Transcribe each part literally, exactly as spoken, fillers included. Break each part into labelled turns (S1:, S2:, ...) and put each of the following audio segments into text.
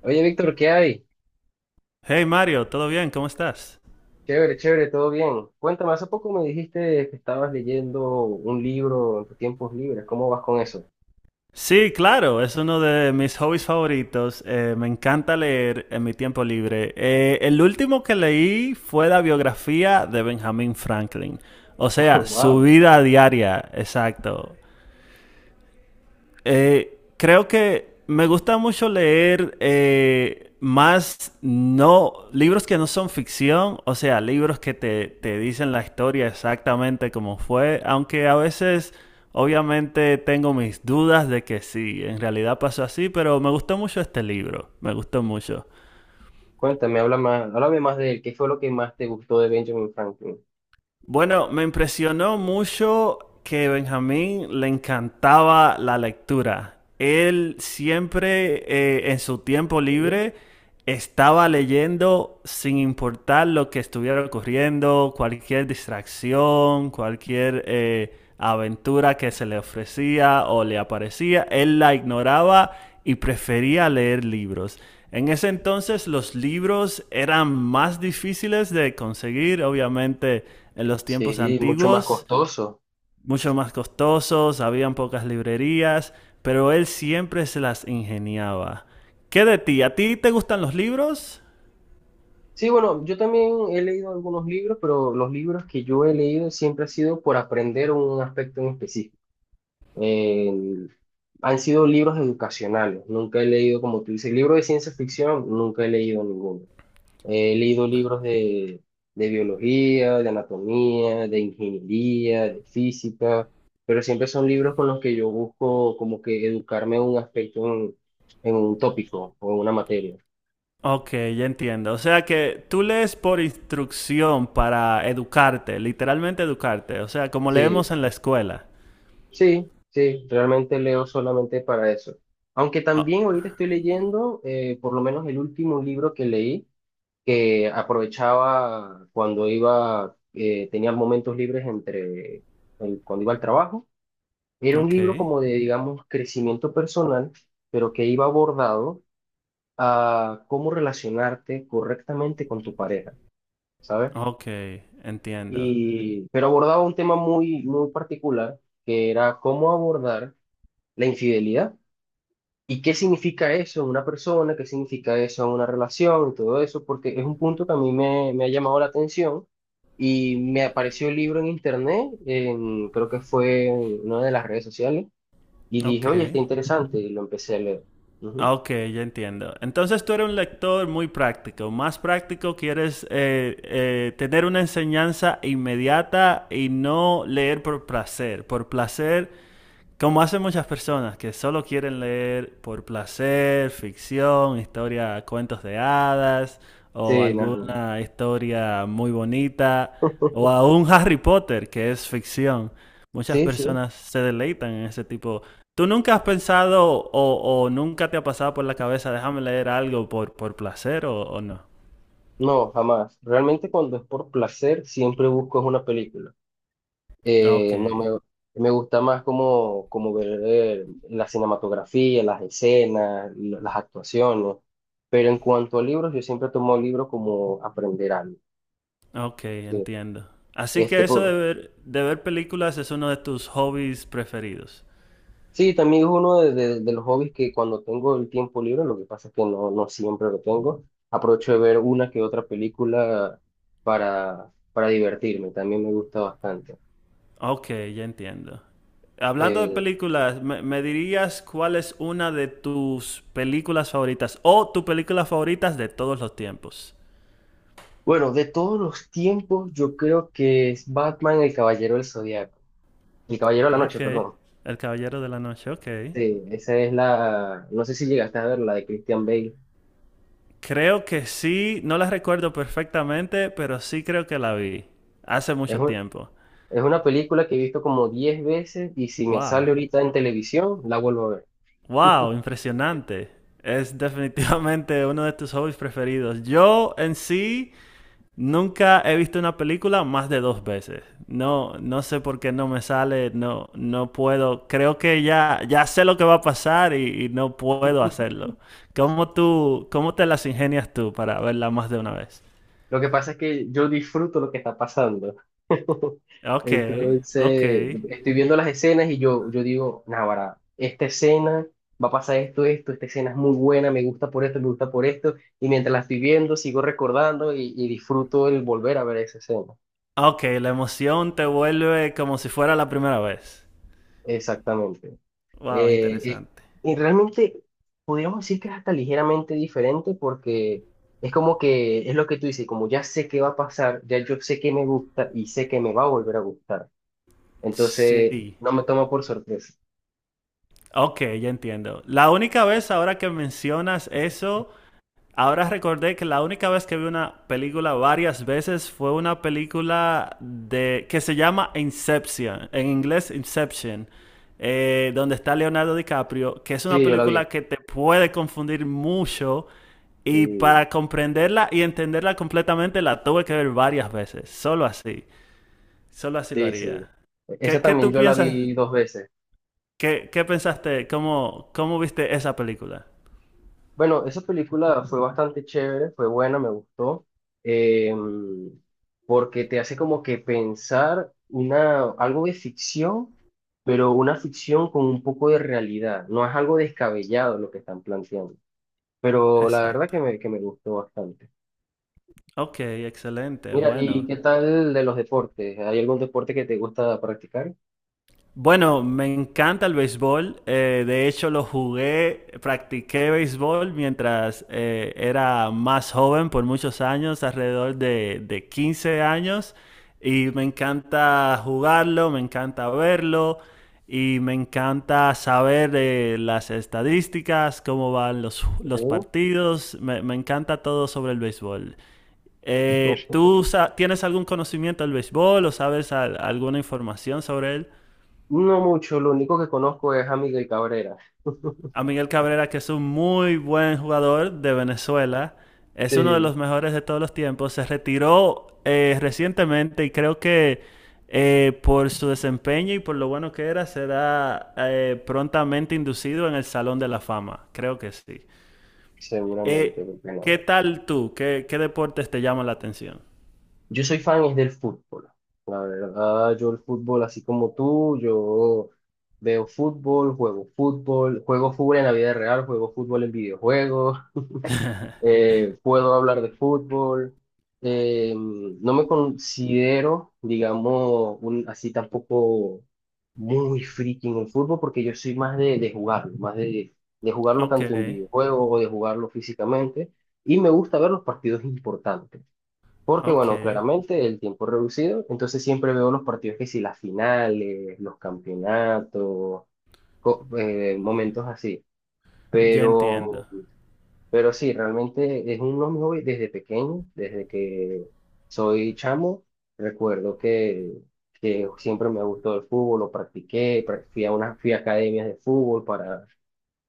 S1: Oye, Víctor, ¿qué hay?
S2: Hey Mario, ¿todo bien? ¿Cómo estás?
S1: Chévere, chévere, todo bien. Cuéntame, hace poco me dijiste que estabas leyendo un libro en tus tiempos libres. ¿Cómo vas con eso?
S2: Sí, claro, es uno de mis hobbies favoritos. Eh, me encanta leer en mi tiempo libre. Eh, el último que leí fue la biografía de Benjamin Franklin. O sea, su
S1: Wow.
S2: vida diaria, exacto. Eh, creo que me gusta mucho leer eh, más no libros que no son ficción, o sea, libros que te, te dicen la historia exactamente como fue, aunque a veces obviamente tengo mis dudas de que sí, en realidad pasó así, pero me gustó mucho este libro, me gustó mucho.
S1: Cuéntame, habla más, háblame más de él. ¿Qué fue lo que más te gustó de Benjamin Franklin?
S2: Bueno, me impresionó mucho que Benjamín le encantaba la lectura. Él siempre eh, en su tiempo libre estaba leyendo sin importar lo que estuviera ocurriendo, cualquier distracción, cualquier eh, aventura que se le ofrecía o le aparecía, él la ignoraba y prefería leer libros. En ese entonces los libros eran más difíciles de conseguir, obviamente en los tiempos
S1: Sí, mucho más
S2: antiguos,
S1: costoso.
S2: mucho más costosos, habían pocas librerías, pero él siempre se las ingeniaba. ¿Qué de ti? ¿A ti te gustan los libros?
S1: Sí, bueno, yo también he leído algunos libros, pero los libros que yo he leído siempre ha sido por aprender un aspecto en específico. Eh, han sido libros educacionales. Nunca he leído, como tú dices, libro de ciencia ficción, nunca he leído ninguno. He leído libros de, de biología, de anatomía, de ingeniería, de física, pero siempre son libros con los que yo busco como que educarme en un aspecto, en, en un tópico o en una materia.
S2: Ok, ya entiendo. O sea que tú lees por instrucción para educarte, literalmente educarte. O sea, como leemos
S1: Sí,
S2: en la escuela.
S1: sí, sí, realmente leo solamente para eso. Aunque
S2: Oh,
S1: también ahorita estoy leyendo, eh, por lo menos el último libro que leí, que aprovechaba cuando iba, eh, tenía momentos libres entre, el- cuando iba al trabajo. Era un
S2: ok,
S1: libro como de, digamos, crecimiento personal, pero que iba abordado a cómo relacionarte correctamente con tu pareja, ¿sabes?
S2: ok, entiendo.
S1: Y, pero abordaba un tema muy, muy particular, que era cómo abordar la infidelidad y qué significa eso en una persona, qué significa eso en una relación y todo eso, porque es un punto que a mí me, me ha llamado la atención. Y me apareció el libro en internet, en- creo que fue en una de las redes sociales. Y dije,
S2: Ok.
S1: oye, está interesante, y lo empecé a leer. Ujú.
S2: Ah, ok, ya entiendo. Entonces tú eres un lector muy práctico, más práctico, quieres eh, eh, tener una enseñanza inmediata y no leer por placer. Por placer como hacen muchas personas que solo quieren leer por placer, ficción, historia, cuentos de hadas o
S1: Sí, no, no.
S2: alguna historia muy bonita o aún Harry Potter que es ficción. Muchas
S1: Sí, sí.
S2: personas se deleitan en ese tipo. ¿Tú nunca has pensado o, o nunca te ha pasado por la cabeza, déjame leer algo por, por placer o, o no?
S1: No, jamás. Realmente cuando es por placer, siempre busco es una película.
S2: Ok,
S1: Eh, no me, me gusta más como, como ver eh, la cinematografía, las escenas, la- las actuaciones. Pero en cuanto a libros, yo siempre tomo libros como aprender algo.
S2: ok,
S1: Sí.
S2: entiendo. Así
S1: Este,
S2: que eso de
S1: por,
S2: ver, de ver películas es uno de tus hobbies preferidos.
S1: Sí, también es uno de, de- de los hobbies que cuando tengo el tiempo libre, lo que pasa es que no, no siempre lo tengo, aprovecho de ver una que otra película para, para divertirme, también me gusta bastante.
S2: Ok, ya entiendo. Hablando de
S1: Eh,
S2: películas, ¿me, me dirías cuál es una de tus películas favoritas o tu película favoritas de todos los tiempos?
S1: bueno, de todos los tiempos, yo creo que es Batman el Caballero del Zodiaco, el Caballero de la
S2: Ok,
S1: Noche, perdón.
S2: El Caballero de la Noche, ok.
S1: Sí, esa es la, no sé si llegaste a ver la de Christian Bale.
S2: Creo que sí, no la recuerdo perfectamente, pero sí creo que la vi hace
S1: Es
S2: mucho
S1: un-
S2: tiempo.
S1: es una película que he visto como diez veces y si me sale
S2: Wow,
S1: ahorita en televisión, la vuelvo a ver.
S2: wow, impresionante. Es definitivamente uno de tus hobbies preferidos. Yo en sí... Nunca he visto una película más de dos veces. No, no sé por qué no me sale, no, no puedo. Creo que ya, ya sé lo que va a pasar y, y no puedo hacerlo. ¿Cómo tú, cómo te las ingenias tú para verla más de una vez?
S1: Lo que pasa es que yo disfruto lo que está pasando.
S2: Ok, ok.
S1: Entonces, estoy viendo las escenas y yo, yo digo, Náguara, esta escena va a pasar esto, esto, esta escena es muy buena, me gusta por esto, me gusta por esto, y mientras la estoy viendo, sigo recordando y, y disfruto el volver a ver esa escena.
S2: Ok, la emoción te vuelve como si fuera la primera vez.
S1: Exactamente.
S2: Wow,
S1: Eh, eh,
S2: interesante.
S1: y realmente podríamos decir que es hasta ligeramente diferente porque es como que es lo que tú dices, como ya sé qué va a pasar, ya yo sé que me gusta y sé que me va a volver a gustar. Entonces,
S2: Sí.
S1: no me tomó por sorpresa.
S2: Ok, ya entiendo. La única vez ahora que mencionas eso. Ahora recordé que la única vez que vi una película varias veces fue una película de que se llama Inception, en inglés Inception, eh, donde está Leonardo DiCaprio, que es una
S1: Sí, yo la vi.
S2: película que te puede confundir mucho y
S1: Sí,
S2: para comprenderla y entenderla completamente la tuve que ver varias veces, solo así, solo así lo
S1: sí, sí.
S2: haría.
S1: Esa
S2: ¿Qué, qué tú
S1: también yo la
S2: piensas?
S1: vi dos veces.
S2: ¿Qué, qué pensaste? ¿Cómo, cómo viste esa película?
S1: Bueno, esa película fue bastante chévere, fue buena, me gustó, eh, porque te hace como que pensar una, algo de ficción, pero una ficción con un poco de realidad. No es algo descabellado lo que están planteando, pero la verdad
S2: Exacto.
S1: que me, que me gustó bastante.
S2: Ok, excelente,
S1: Mira, ¿y
S2: bueno.
S1: qué tal de los deportes? ¿Hay algún deporte que te gusta practicar?
S2: Bueno, me encanta el béisbol. Eh, de hecho, lo jugué, practiqué béisbol mientras eh, era más joven por muchos años, alrededor de, de quince años. Y me encanta jugarlo, me encanta verlo y me encanta saber eh, las estadísticas, cómo van los, los
S1: ¿Algo?
S2: partidos. Me, me encanta todo sobre el béisbol. Eh, ¿tú sa- tienes algún conocimiento del béisbol o sabes al- alguna información sobre él?
S1: No mucho, lo único que conozco es a Miguel Cabrera.
S2: A Miguel Cabrera, que es un muy buen jugador de Venezuela, es uno de los
S1: Sí.
S2: mejores de todos los tiempos, se retiró eh, recientemente y creo que eh, por su desempeño y por lo bueno que era, será eh, prontamente inducido en el Salón de la Fama, creo que sí.
S1: Seguramente,
S2: Eh,
S1: porque
S2: ¿Qué
S1: no.
S2: tal tú? ¿Qué, qué deportes te llaman la atención?
S1: Yo soy fan es del fútbol. La verdad, yo el fútbol, así como tú, yo veo fútbol, juego fútbol, juego fútbol en la vida real, juego fútbol en videojuegos. Eh, puedo hablar de fútbol, eh, no me considero, digamos, un, así tampoco muy friki en el fútbol porque yo soy más de, de jugarlo, más de, de jugarlo
S2: Ok,
S1: tanto en videojuegos o de jugarlo físicamente y me gusta ver los partidos importantes. Porque,
S2: ok,
S1: bueno, claramente el tiempo es reducido, entonces siempre veo los partidos que si las finales, los campeonatos, co- eh, momentos así. Mm.
S2: ya entiendo.
S1: Pero pero sí, realmente es uno de mis hobbies desde pequeño, desde que soy chamo. Recuerdo que, que siempre me gustó el fútbol, lo practiqué, pra- fui a unas, fui a academias de fútbol para,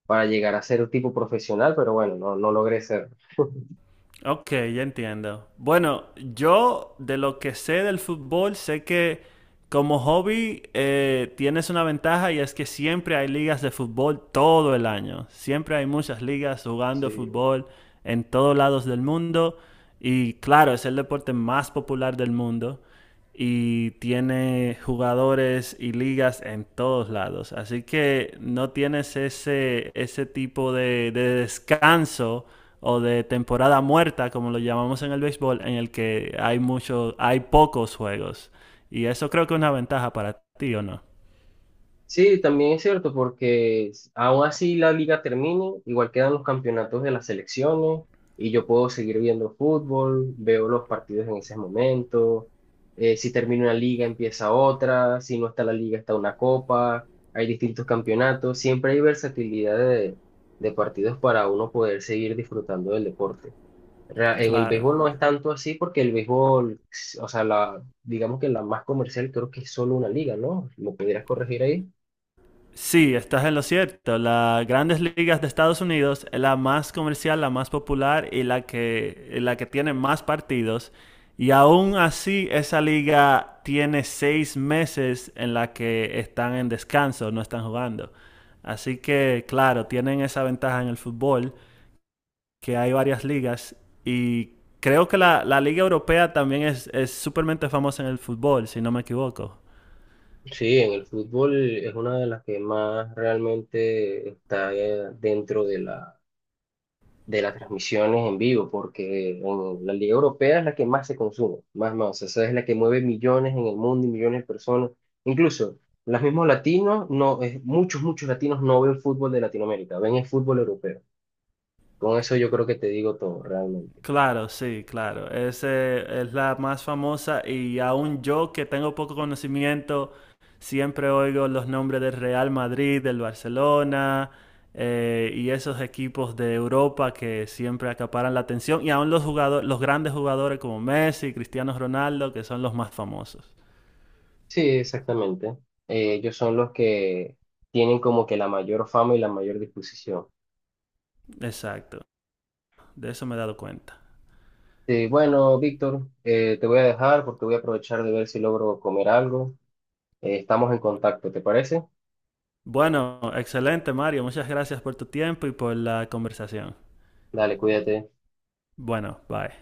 S1: para llegar a ser un tipo profesional, pero bueno, no, no logré ser.
S2: Ok, ya entiendo. Bueno, yo de lo que sé del fútbol, sé que como hobby eh, tienes una ventaja y es que siempre hay ligas de fútbol todo el año. Siempre hay muchas ligas jugando fútbol en todos lados del mundo. Y claro, es el deporte más popular del mundo y tiene jugadores y ligas en todos lados. Así que no tienes ese, ese tipo de, de descanso o de temporada muerta, como lo llamamos en el béisbol, en el que hay muchos, hay pocos juegos. Y eso creo que es una ventaja para ti, ¿o no?
S1: Sí, también es cierto, porque s- aún así la liga termine, igual quedan los campeonatos de las selecciones y yo puedo seguir viendo fútbol, veo los partidos en ese momento. eh, si termina una liga, empieza otra. Si no está la liga, está una copa. Hay distintos campeonatos. Siempre hay versatilidad de, de partidos para uno poder seguir disfrutando del deporte. Rea- En el
S2: Claro.
S1: béisbol no es tanto así porque el béisbol, s- o sea, la, digamos que la más comercial creo que es solo una liga, ¿no? ¿Lo pudieras corregir ahí?
S2: Sí, estás en lo cierto. Las grandes ligas de Estados Unidos es la más comercial, la más popular y la que, la que tiene más partidos. Y aún así, esa liga tiene seis meses en la que están en descanso, no están jugando. Así que, claro, tienen esa ventaja en el fútbol, que hay varias ligas. Y creo que la, la liga europea también es, es súpermente famosa en el fútbol, si no me equivoco.
S1: Sí, en el fútbol es una de las que más realmente está eh, dentro de la, de las transmisiones en vivo, porque en la Liga Europea es la que más se consume, más, más, esa es la que mueve millones en el mundo y millones de personas, incluso los mismos latinos, no, es- muchos, muchos latinos no ven fútbol de Latinoamérica, ven el fútbol europeo. Con eso yo creo que te digo todo, realmente.
S2: Claro, sí, claro. Ese es la más famosa y aún yo que tengo poco conocimiento, siempre oigo los nombres del Real Madrid, del Barcelona eh, y esos equipos de Europa que siempre acaparan la atención y aún los jugadores, los grandes jugadores como Messi, Cristiano Ronaldo, que son los más famosos.
S1: Sí, exactamente. Eh, ellos son los que tienen como que la mayor fama y la mayor disposición.
S2: Exacto, de eso me he dado cuenta.
S1: Este, bueno, Víctor, eh, te voy a dejar porque voy a aprovechar de ver si logro comer algo. Eh, estamos en contacto, ¿te parece?
S2: Bueno, excelente Mario, muchas gracias por tu tiempo y por la conversación.
S1: Dale, cuídate.
S2: Bueno, bye.